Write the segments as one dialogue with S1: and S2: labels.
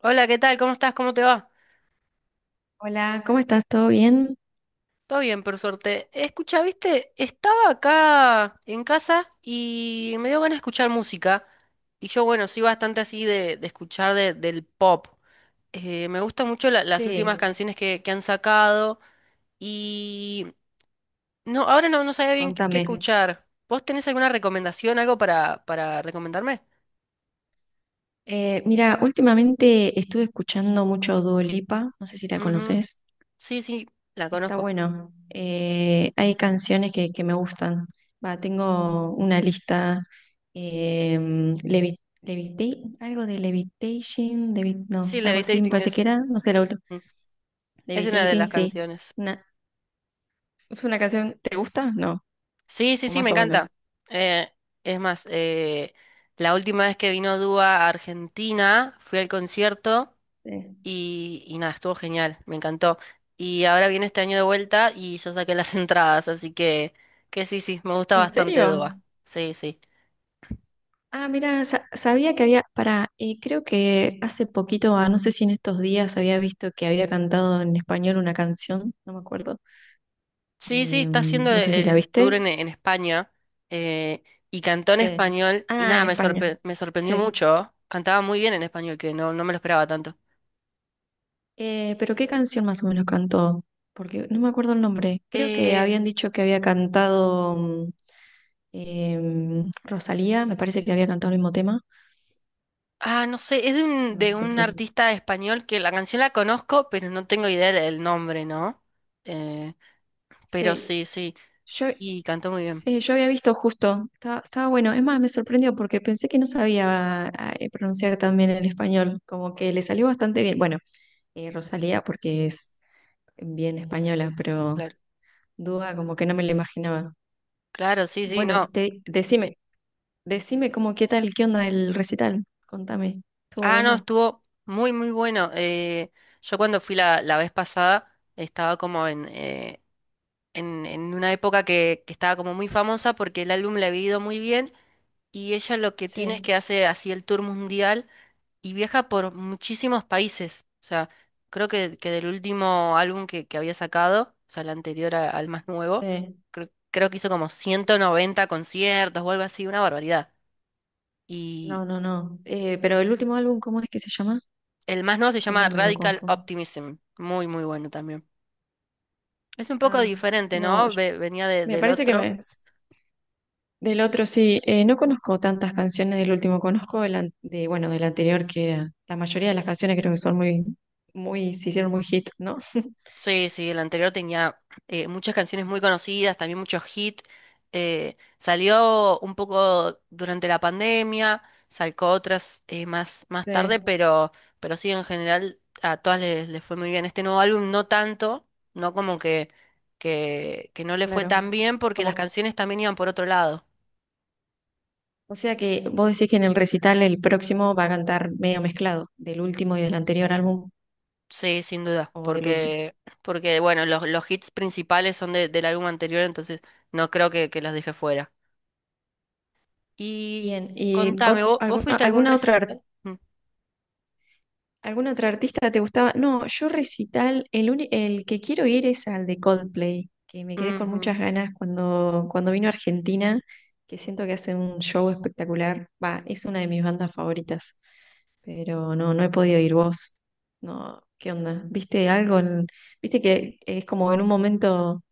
S1: Hola, ¿qué tal? ¿Cómo estás? ¿Cómo te va?
S2: Hola, ¿cómo estás? ¿Todo bien?
S1: Todo bien, por suerte. Escucha, viste, estaba acá en casa y me dio ganas de escuchar música. Y yo, bueno, soy bastante así de escuchar del pop. Me gustan mucho las últimas
S2: Sí,
S1: canciones que han sacado. Y no, ahora no, no sabía bien qué
S2: contame.
S1: escuchar. ¿Vos tenés alguna recomendación, algo para recomendarme?
S2: Mira, últimamente estuve escuchando mucho Dua Lipa, no sé si la
S1: Ujú.
S2: conoces.
S1: Sí, sí, la
S2: Está
S1: conozco.
S2: bueno. Hay canciones que me gustan. Va, tengo una lista. Algo de Levitation,
S1: Sí,
S2: no, algo así me
S1: Levitating
S2: parece que
S1: es,
S2: era, no sé la última.
S1: mm, es una de
S2: Levitating,
S1: las
S2: sí.
S1: canciones.
S2: Una, ¿es una canción? ¿Te gusta? No,
S1: Sí, sí,
S2: o
S1: sí, me
S2: más o menos.
S1: encanta. Eh, es más, eh, la última vez que vino Dúa a Argentina, fui al concierto
S2: Sí.
S1: y nada, estuvo genial, me encantó. Y ahora viene este año de vuelta y yo saqué las entradas, así que sí, sí, me gusta
S2: ¿En
S1: bastante
S2: serio?
S1: Dúa. Sí, sí.
S2: Ah, mira, sabía que había, para, creo que hace poquito, ah, no sé si en estos días había visto que había cantado en español una canción, no me acuerdo.
S1: Sí, sí, está haciendo
S2: No sé si la
S1: el tour
S2: viste.
S1: en España eh, y cantó en
S2: Sí.
S1: español y
S2: Ah,
S1: nada,
S2: en España,
S1: me sorprendió
S2: sí.
S1: mucho. ¿Oh? Cantaba muy bien en español, que no, no me lo esperaba tanto.
S2: Pero ¿qué canción más o menos cantó? Porque no me acuerdo el nombre. Creo que
S1: Eh,
S2: habían dicho que había cantado Rosalía, me parece que había cantado el mismo tema.
S1: Ah, no sé, es de
S2: No
S1: de
S2: sé
S1: un
S2: si.
S1: artista español que la canción la conozco, pero no tengo idea del nombre, ¿no? Eh, pero
S2: Sí,
S1: sí, sí,
S2: yo,
S1: y cantó muy bien.
S2: Sí, yo había visto justo, estaba bueno. Es más, me sorprendió porque pensé que no sabía pronunciar tan bien el español, como que le salió bastante bien. Bueno, Rosalía porque es bien española, pero
S1: Claro,
S2: duda como que no me lo imaginaba.
S1: claro, sí, sí,
S2: Bueno,
S1: no.
S2: decime, decime como qué tal, qué onda el recital, contame. ¿Estuvo
S1: Ah, no,
S2: bueno?
S1: estuvo muy, muy bueno. Yo cuando fui la vez pasada estaba como en una época que estaba como muy famosa porque el álbum le había ido muy bien y ella lo que tiene es que
S2: Sí,
S1: hace así el tour mundial. Y viaja por muchísimos países. O sea, creo que del último álbum que había sacado, o sea, el anterior al más nuevo,
S2: eh,
S1: creo que hizo como 190 conciertos o algo así, una barbaridad. Y
S2: no. Pero el último álbum, ¿cómo es que se llama?
S1: el más nuevo se llama
S2: Siempre me lo
S1: Radical
S2: confundo.
S1: Optimism, muy, muy bueno también. Es un poco
S2: Ah,
S1: diferente,
S2: no,
S1: ¿no? Venía
S2: me
S1: del
S2: parece que
S1: otro.
S2: me... Del otro sí, no conozco tantas canciones del último, conozco de, bueno, del anterior, que era, la mayoría de las canciones creo que son muy, muy, se hicieron muy hit, ¿no?
S1: Sí, sí, el anterior tenía muchas canciones muy conocidas, también muchos hits. Salió un poco durante la pandemia, sacó otras más
S2: Sí,
S1: tarde, pero sí, en general a todas les, les fue muy bien. Este nuevo álbum no tanto, no como que no le fue tan
S2: claro.
S1: bien porque las
S2: Como,
S1: canciones también iban por otro lado.
S2: o sea que vos decís que en el recital el próximo va a cantar medio mezclado, del último y del anterior álbum,
S1: Sí, sin duda,
S2: o del último.
S1: porque, porque bueno, los hits principales son del álbum anterior, entonces no creo que los deje fuera. Y
S2: Bien, ¿y
S1: contame, ¿vos, fuiste a algún
S2: alguna otra
S1: recital? Mm,
S2: ¿Algún otro artista te gustaba? No, yo recital, el que quiero ir es al de Coldplay, que me quedé con
S1: ujú,
S2: muchas ganas cuando vino a Argentina, que siento que hace un show espectacular. Va, es una de mis bandas favoritas, pero no, no he podido ir vos. No, ¿qué onda? ¿Viste algo? ¿Viste que es como en un momento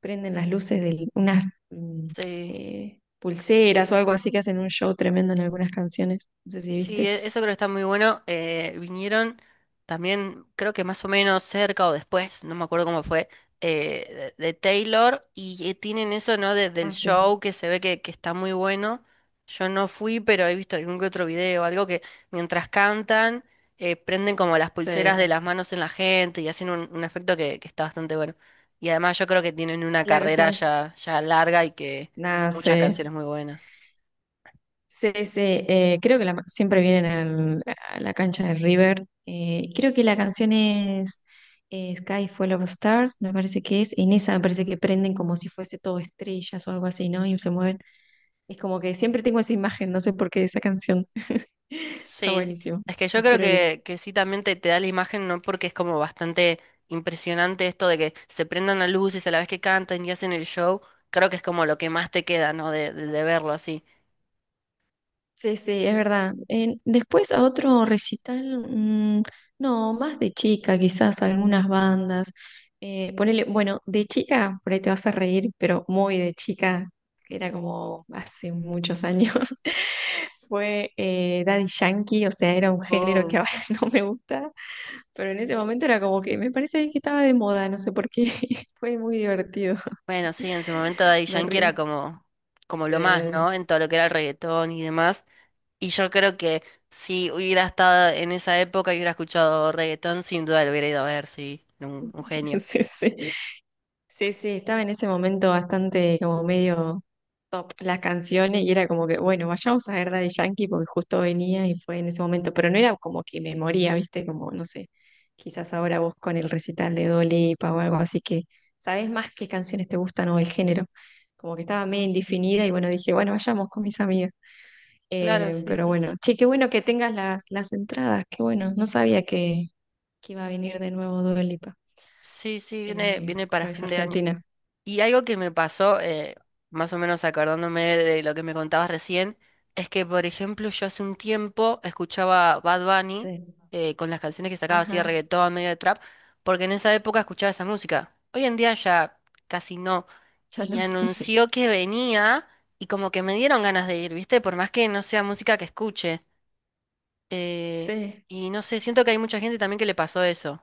S2: prenden las luces de unas mm,
S1: sí.
S2: pulseras o algo así que hacen un show tremendo en algunas canciones? No sé si
S1: Sí,
S2: viste.
S1: eso creo que está muy bueno. Vinieron también, creo que más o menos cerca o después, no me acuerdo cómo fue, de Taylor y tienen eso, ¿no? Desde el
S2: Ah, sí.
S1: show que se ve que está muy bueno. Yo no fui, pero he visto algún que otro video, algo que mientras cantan, prenden como las
S2: Sí,
S1: pulseras de las manos en la gente y hacen un efecto que está bastante bueno. Y además yo creo que tienen una
S2: claro,
S1: carrera
S2: sí.
S1: ya, ya larga y que
S2: Nada,
S1: muchas
S2: sí,
S1: canciones muy buenas.
S2: sí, sí, creo que siempre vienen a la cancha de River. Creo que la canción es Sky Full of Stars, me parece que es. En esa me parece que prenden como si fuese todo estrellas o algo así, ¿no? Y se mueven. Es como que siempre tengo esa imagen, no sé por qué, de esa canción. Está
S1: Sí, sí.
S2: buenísimo.
S1: Es que yo creo
S2: Espero ir.
S1: que sí también te da la imagen, ¿no? Porque es como bastante impresionante esto de que se prendan las luces a la vez que cantan y hacen el show. Creo que es como lo que más te queda, ¿no? De verlo así.
S2: Sí, sí, es verdad. Después a otro recital, no, más de chica, quizás algunas bandas. Ponele, bueno, de chica, por ahí te vas a reír, pero muy de chica, que era como hace muchos años, fue Daddy Yankee, o sea, era un género que
S1: Uh,
S2: ahora no me gusta, pero en ese momento era como que me parece que estaba de moda, no sé por qué, fue muy divertido,
S1: bueno, sí, en su momento Daddy
S2: me
S1: Yankee era
S2: río.
S1: como, como lo más,
S2: Eh,
S1: ¿no? En todo lo que era el reggaetón y demás. Y yo creo que si hubiera estado en esa época y hubiera escuchado reggaetón, sin duda lo hubiera ido a ver, sí. Un genio.
S2: sí, sí. Sí, sí, estaba en ese momento bastante como medio top las canciones y era como que, bueno, vayamos a ver Daddy Yankee porque justo venía y fue en ese momento, pero no era como que me moría, ¿viste? Como, no sé, quizás ahora vos con el recital de Dolipa o algo así que sabés más qué canciones te gustan o el género. Como que estaba medio indefinida y bueno, dije, bueno, vayamos con mis amigas.
S1: Claro, sí,
S2: Pero
S1: sí.
S2: bueno, che, qué bueno que tengas las entradas, qué bueno, no sabía que iba a venir de nuevo Dua Lipa,
S1: Sí, sí, viene, viene para
S2: otra vez a
S1: fin de año.
S2: Argentina.
S1: Y algo que me pasó, más o menos acordándome de lo que me contabas recién, es que, por ejemplo, yo hace un tiempo escuchaba Bad Bunny
S2: Sí,
S1: con las canciones que sacaba así de
S2: ajá,
S1: reggaetón, medio de trap, porque en esa época escuchaba esa música. Hoy en día ya casi no.
S2: ya
S1: Y
S2: no.
S1: anunció que venía y como que me dieron ganas de ir, ¿viste? Por más que no sea música que escuche. Eh,
S2: Sí.
S1: y no sé, siento que hay mucha gente también que le pasó eso.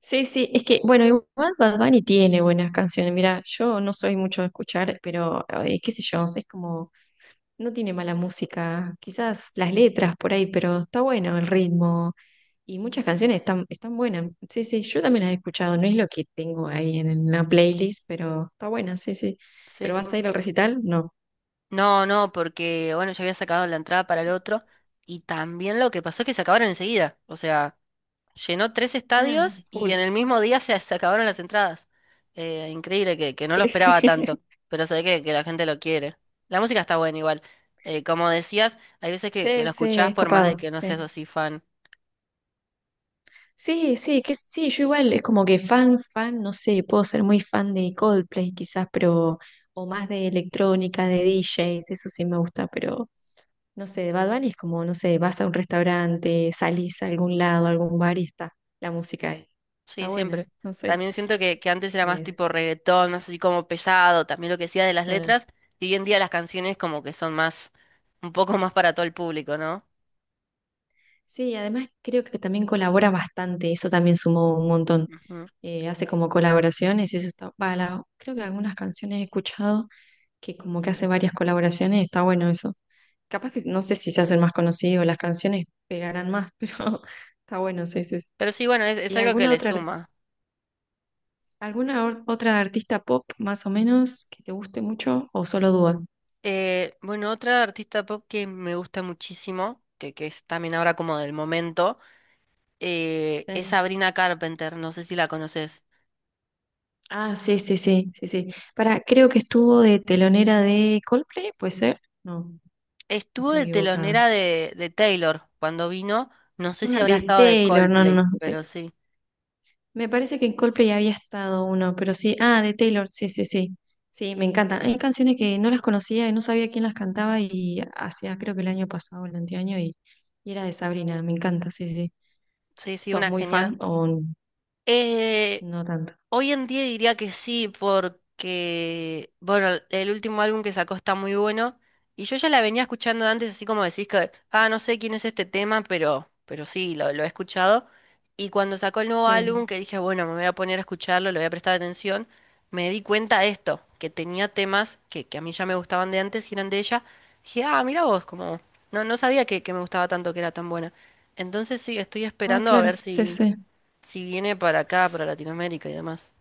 S2: Sí, sí, es que, bueno, igual Bad Bunny tiene buenas canciones. Mira, yo no soy mucho de escuchar, pero qué sé yo, es como, no tiene mala música, quizás las letras por ahí, pero está bueno el ritmo y muchas canciones están, están buenas. Sí, sí, yo también las he escuchado, no es lo que tengo ahí en una playlist, pero está buena, sí, sí.
S1: Sí,
S2: ¿Pero
S1: sí.
S2: vas a ir al recital? No.
S1: No, no, porque bueno, ya había sacado la entrada para el otro. Y también lo que pasó es que se acabaron enseguida. O sea, llenó tres
S2: Ah,
S1: estadios y
S2: full
S1: en el mismo día se, se acabaron las entradas. Increíble que no lo
S2: Sí, sí.
S1: esperaba tanto. Pero sé que la gente lo quiere. La música está buena igual. Como decías, hay veces que
S2: Sí,
S1: lo
S2: sí,
S1: escuchás
S2: es
S1: por más de
S2: copado,
S1: que no
S2: sí.
S1: seas así fan.
S2: Sí, sí, que sí, yo igual es como que fan, fan, no sé, puedo ser muy fan de Coldplay quizás, pero, o más de electrónica, de DJs, eso sí me gusta, pero no sé, de Bad Bunny es como, no sé, vas a un restaurante, salís a algún lado, a algún bar y está, la música ahí.
S1: Sí,
S2: Está buena,
S1: siempre.
S2: no sé.
S1: También siento que antes era más
S2: Es,
S1: tipo reggaetón, más así como pesado. También lo que decía de las
S2: sí,
S1: letras. Y hoy en día las canciones como que son más, un poco más para todo el público, ¿no?
S2: sí, además creo que también colabora bastante, eso también sumó un montón.
S1: Ujú.
S2: Hace como colaboraciones, y eso está, va, creo que algunas canciones he escuchado que como que hace varias colaboraciones, está bueno eso. Capaz que no sé si se hacen más conocidos, las canciones pegarán más, pero está bueno, sí, sí. Sí.
S1: Pero sí, bueno, es
S2: ¿Y
S1: algo que
S2: alguna
S1: le
S2: otra,
S1: suma.
S2: otra artista pop más o menos que te guste mucho o solo Dua?
S1: Bueno, otra artista pop que me gusta muchísimo, que es también ahora como del momento, es
S2: Sí.
S1: Sabrina Carpenter, no sé si la conoces.
S2: Ah, sí, sí, sí, sí, sí. Para, creo que estuvo de telonera de Coldplay, ¿puede ser? No, no
S1: Estuvo
S2: estoy
S1: de
S2: equivocada.
S1: telonera de Taylor cuando vino, no sé si
S2: Ah,
S1: habrá
S2: de
S1: estado de
S2: Taylor, no, no,
S1: Coldplay,
S2: no.
S1: pero sí,
S2: Me parece que en Coldplay había estado uno, pero sí. Ah, de Taylor, sí, sí, sí. Sí, me encantan. Hay canciones que no las conocía y no sabía quién las cantaba y hacía, creo que el año pasado, el anteaño, y era de Sabrina. Me encanta, sí, sí.
S1: sí, sí,
S2: ¿Sos
S1: una
S2: muy
S1: genial.
S2: fan o no tanto?
S1: Hoy en día diría que sí, porque, bueno, el último álbum que sacó está muy bueno. Y yo ya la venía escuchando antes, así como decís que, ah, no sé quién es este tema, pero sí, lo he escuchado. Y cuando sacó el nuevo álbum,
S2: Sí.
S1: que dije, bueno, me voy a poner a escucharlo, le voy a prestar atención, me di cuenta de esto, que tenía temas que a mí ya me gustaban de antes y eran de ella. Dije, ah, mira vos, como, no, no sabía que me gustaba tanto, que era tan buena. Entonces sí, estoy
S2: Ah,
S1: esperando a
S2: claro,
S1: ver
S2: sí,
S1: si,
S2: sí.
S1: si viene para acá, para Latinoamérica y demás.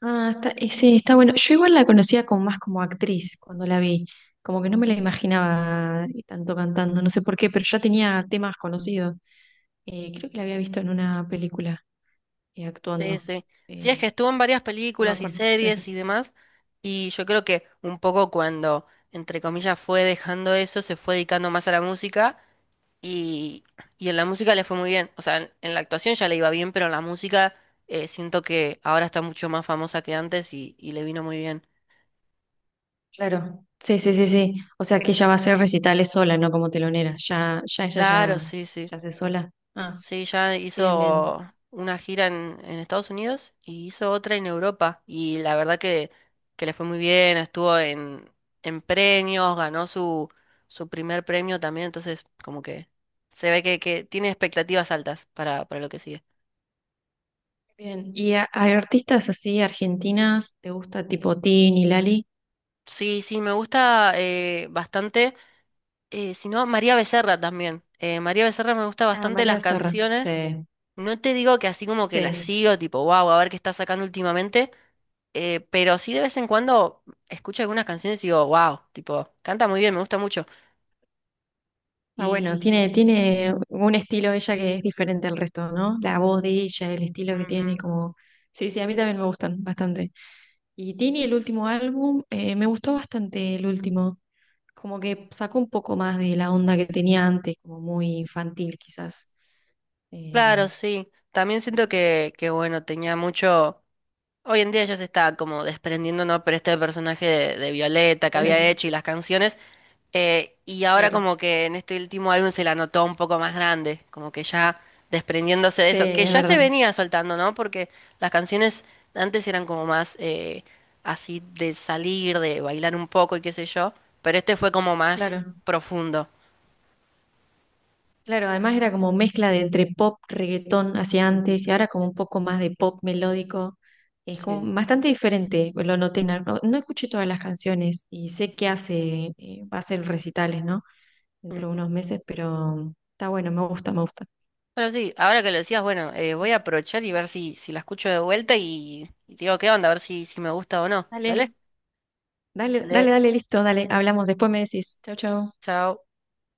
S2: Ah, está, y sí, está bueno. Yo igual la conocía como más como actriz cuando la vi. Como que no me la imaginaba tanto cantando, no sé por qué, pero ya tenía temas conocidos. Creo que la había visto en una película. Y
S1: Sí,
S2: actuando.
S1: sí. Sí, es que
S2: Em,
S1: estuvo en varias
S2: no me
S1: películas y
S2: acuerdo, sí.
S1: series y demás, y yo creo que un poco cuando, entre comillas, fue dejando eso, se fue dedicando más a la música y, y en la música le fue muy bien. O sea, en la actuación ya le iba bien, pero en la música siento que ahora está mucho más famosa que antes y le vino muy bien.
S2: Claro, sí, sí, sí, sí. O sea que ella va a hacer recitales sola, no como telonera.
S1: Claro, sí, sí.
S2: Ya hace sola. Ah,
S1: Sí, ya
S2: bien, bien,
S1: hizo una gira en Estados Unidos y hizo otra en Europa. Y la verdad que le fue muy bien, estuvo en premios, ganó su primer premio también, entonces como que se ve que tiene expectativas altas para lo que sigue.
S2: bien. ¿Y a artistas así argentinas te gusta tipo Tin y Lali?
S1: Sí, sí, me gusta bastante. Si no, María Becerra también. María Becerra me gusta
S2: Ah,
S1: bastante
S2: María
S1: las
S2: Becerra. Sí,
S1: canciones. No te digo que así como que las
S2: sí,
S1: sigo, tipo, wow, a ver qué está sacando últimamente. Pero sí de vez en cuando escucho algunas canciones y digo, wow, tipo, canta muy bien, me gusta mucho.
S2: Ah, bueno,
S1: Y
S2: tiene, tiene un estilo ella que es diferente al resto, ¿no? La voz de ella, el estilo que
S1: ujú,
S2: tiene, como... Sí, sí, a mí también me gustan bastante. Y Tini, el último álbum, me gustó bastante el último. Como que sacó un poco más de la onda que tenía antes, como muy infantil quizás.
S1: claro,
S2: Em,
S1: sí. También siento que, bueno, tenía mucho. Hoy en día ya se está como desprendiendo, ¿no? Pero este personaje de Violeta que había hecho y las canciones. Y ahora
S2: claro.
S1: como que en este último álbum se la notó un poco más grande, como que ya desprendiéndose de
S2: Sí,
S1: eso, que
S2: es
S1: ya se
S2: verdad.
S1: venía soltando, ¿no? Porque las canciones antes eran como más así de salir, de bailar un poco y qué sé yo, pero este fue como más
S2: Claro.
S1: profundo.
S2: Claro, además era como mezcla de entre pop, reggaetón hacia
S1: Ujú.
S2: antes y ahora como un poco más de pop melódico. Es
S1: Sí.
S2: como
S1: Sí.
S2: bastante diferente, pues, lo noté. En no, no escuché todas las canciones y sé que hace, va a hacer recitales, ¿no? Dentro de
S1: Ujú.
S2: unos meses, pero está bueno, me gusta, me gusta.
S1: Pero sí, ahora que lo decías, bueno, voy a aprovechar y ver si, si la escucho de vuelta y te digo qué onda, a ver si, si me gusta o no. Dale,
S2: Dale, dale,
S1: dale,
S2: dale, dale, listo, dale, hablamos, después me decís. Chau, chau.
S1: chao.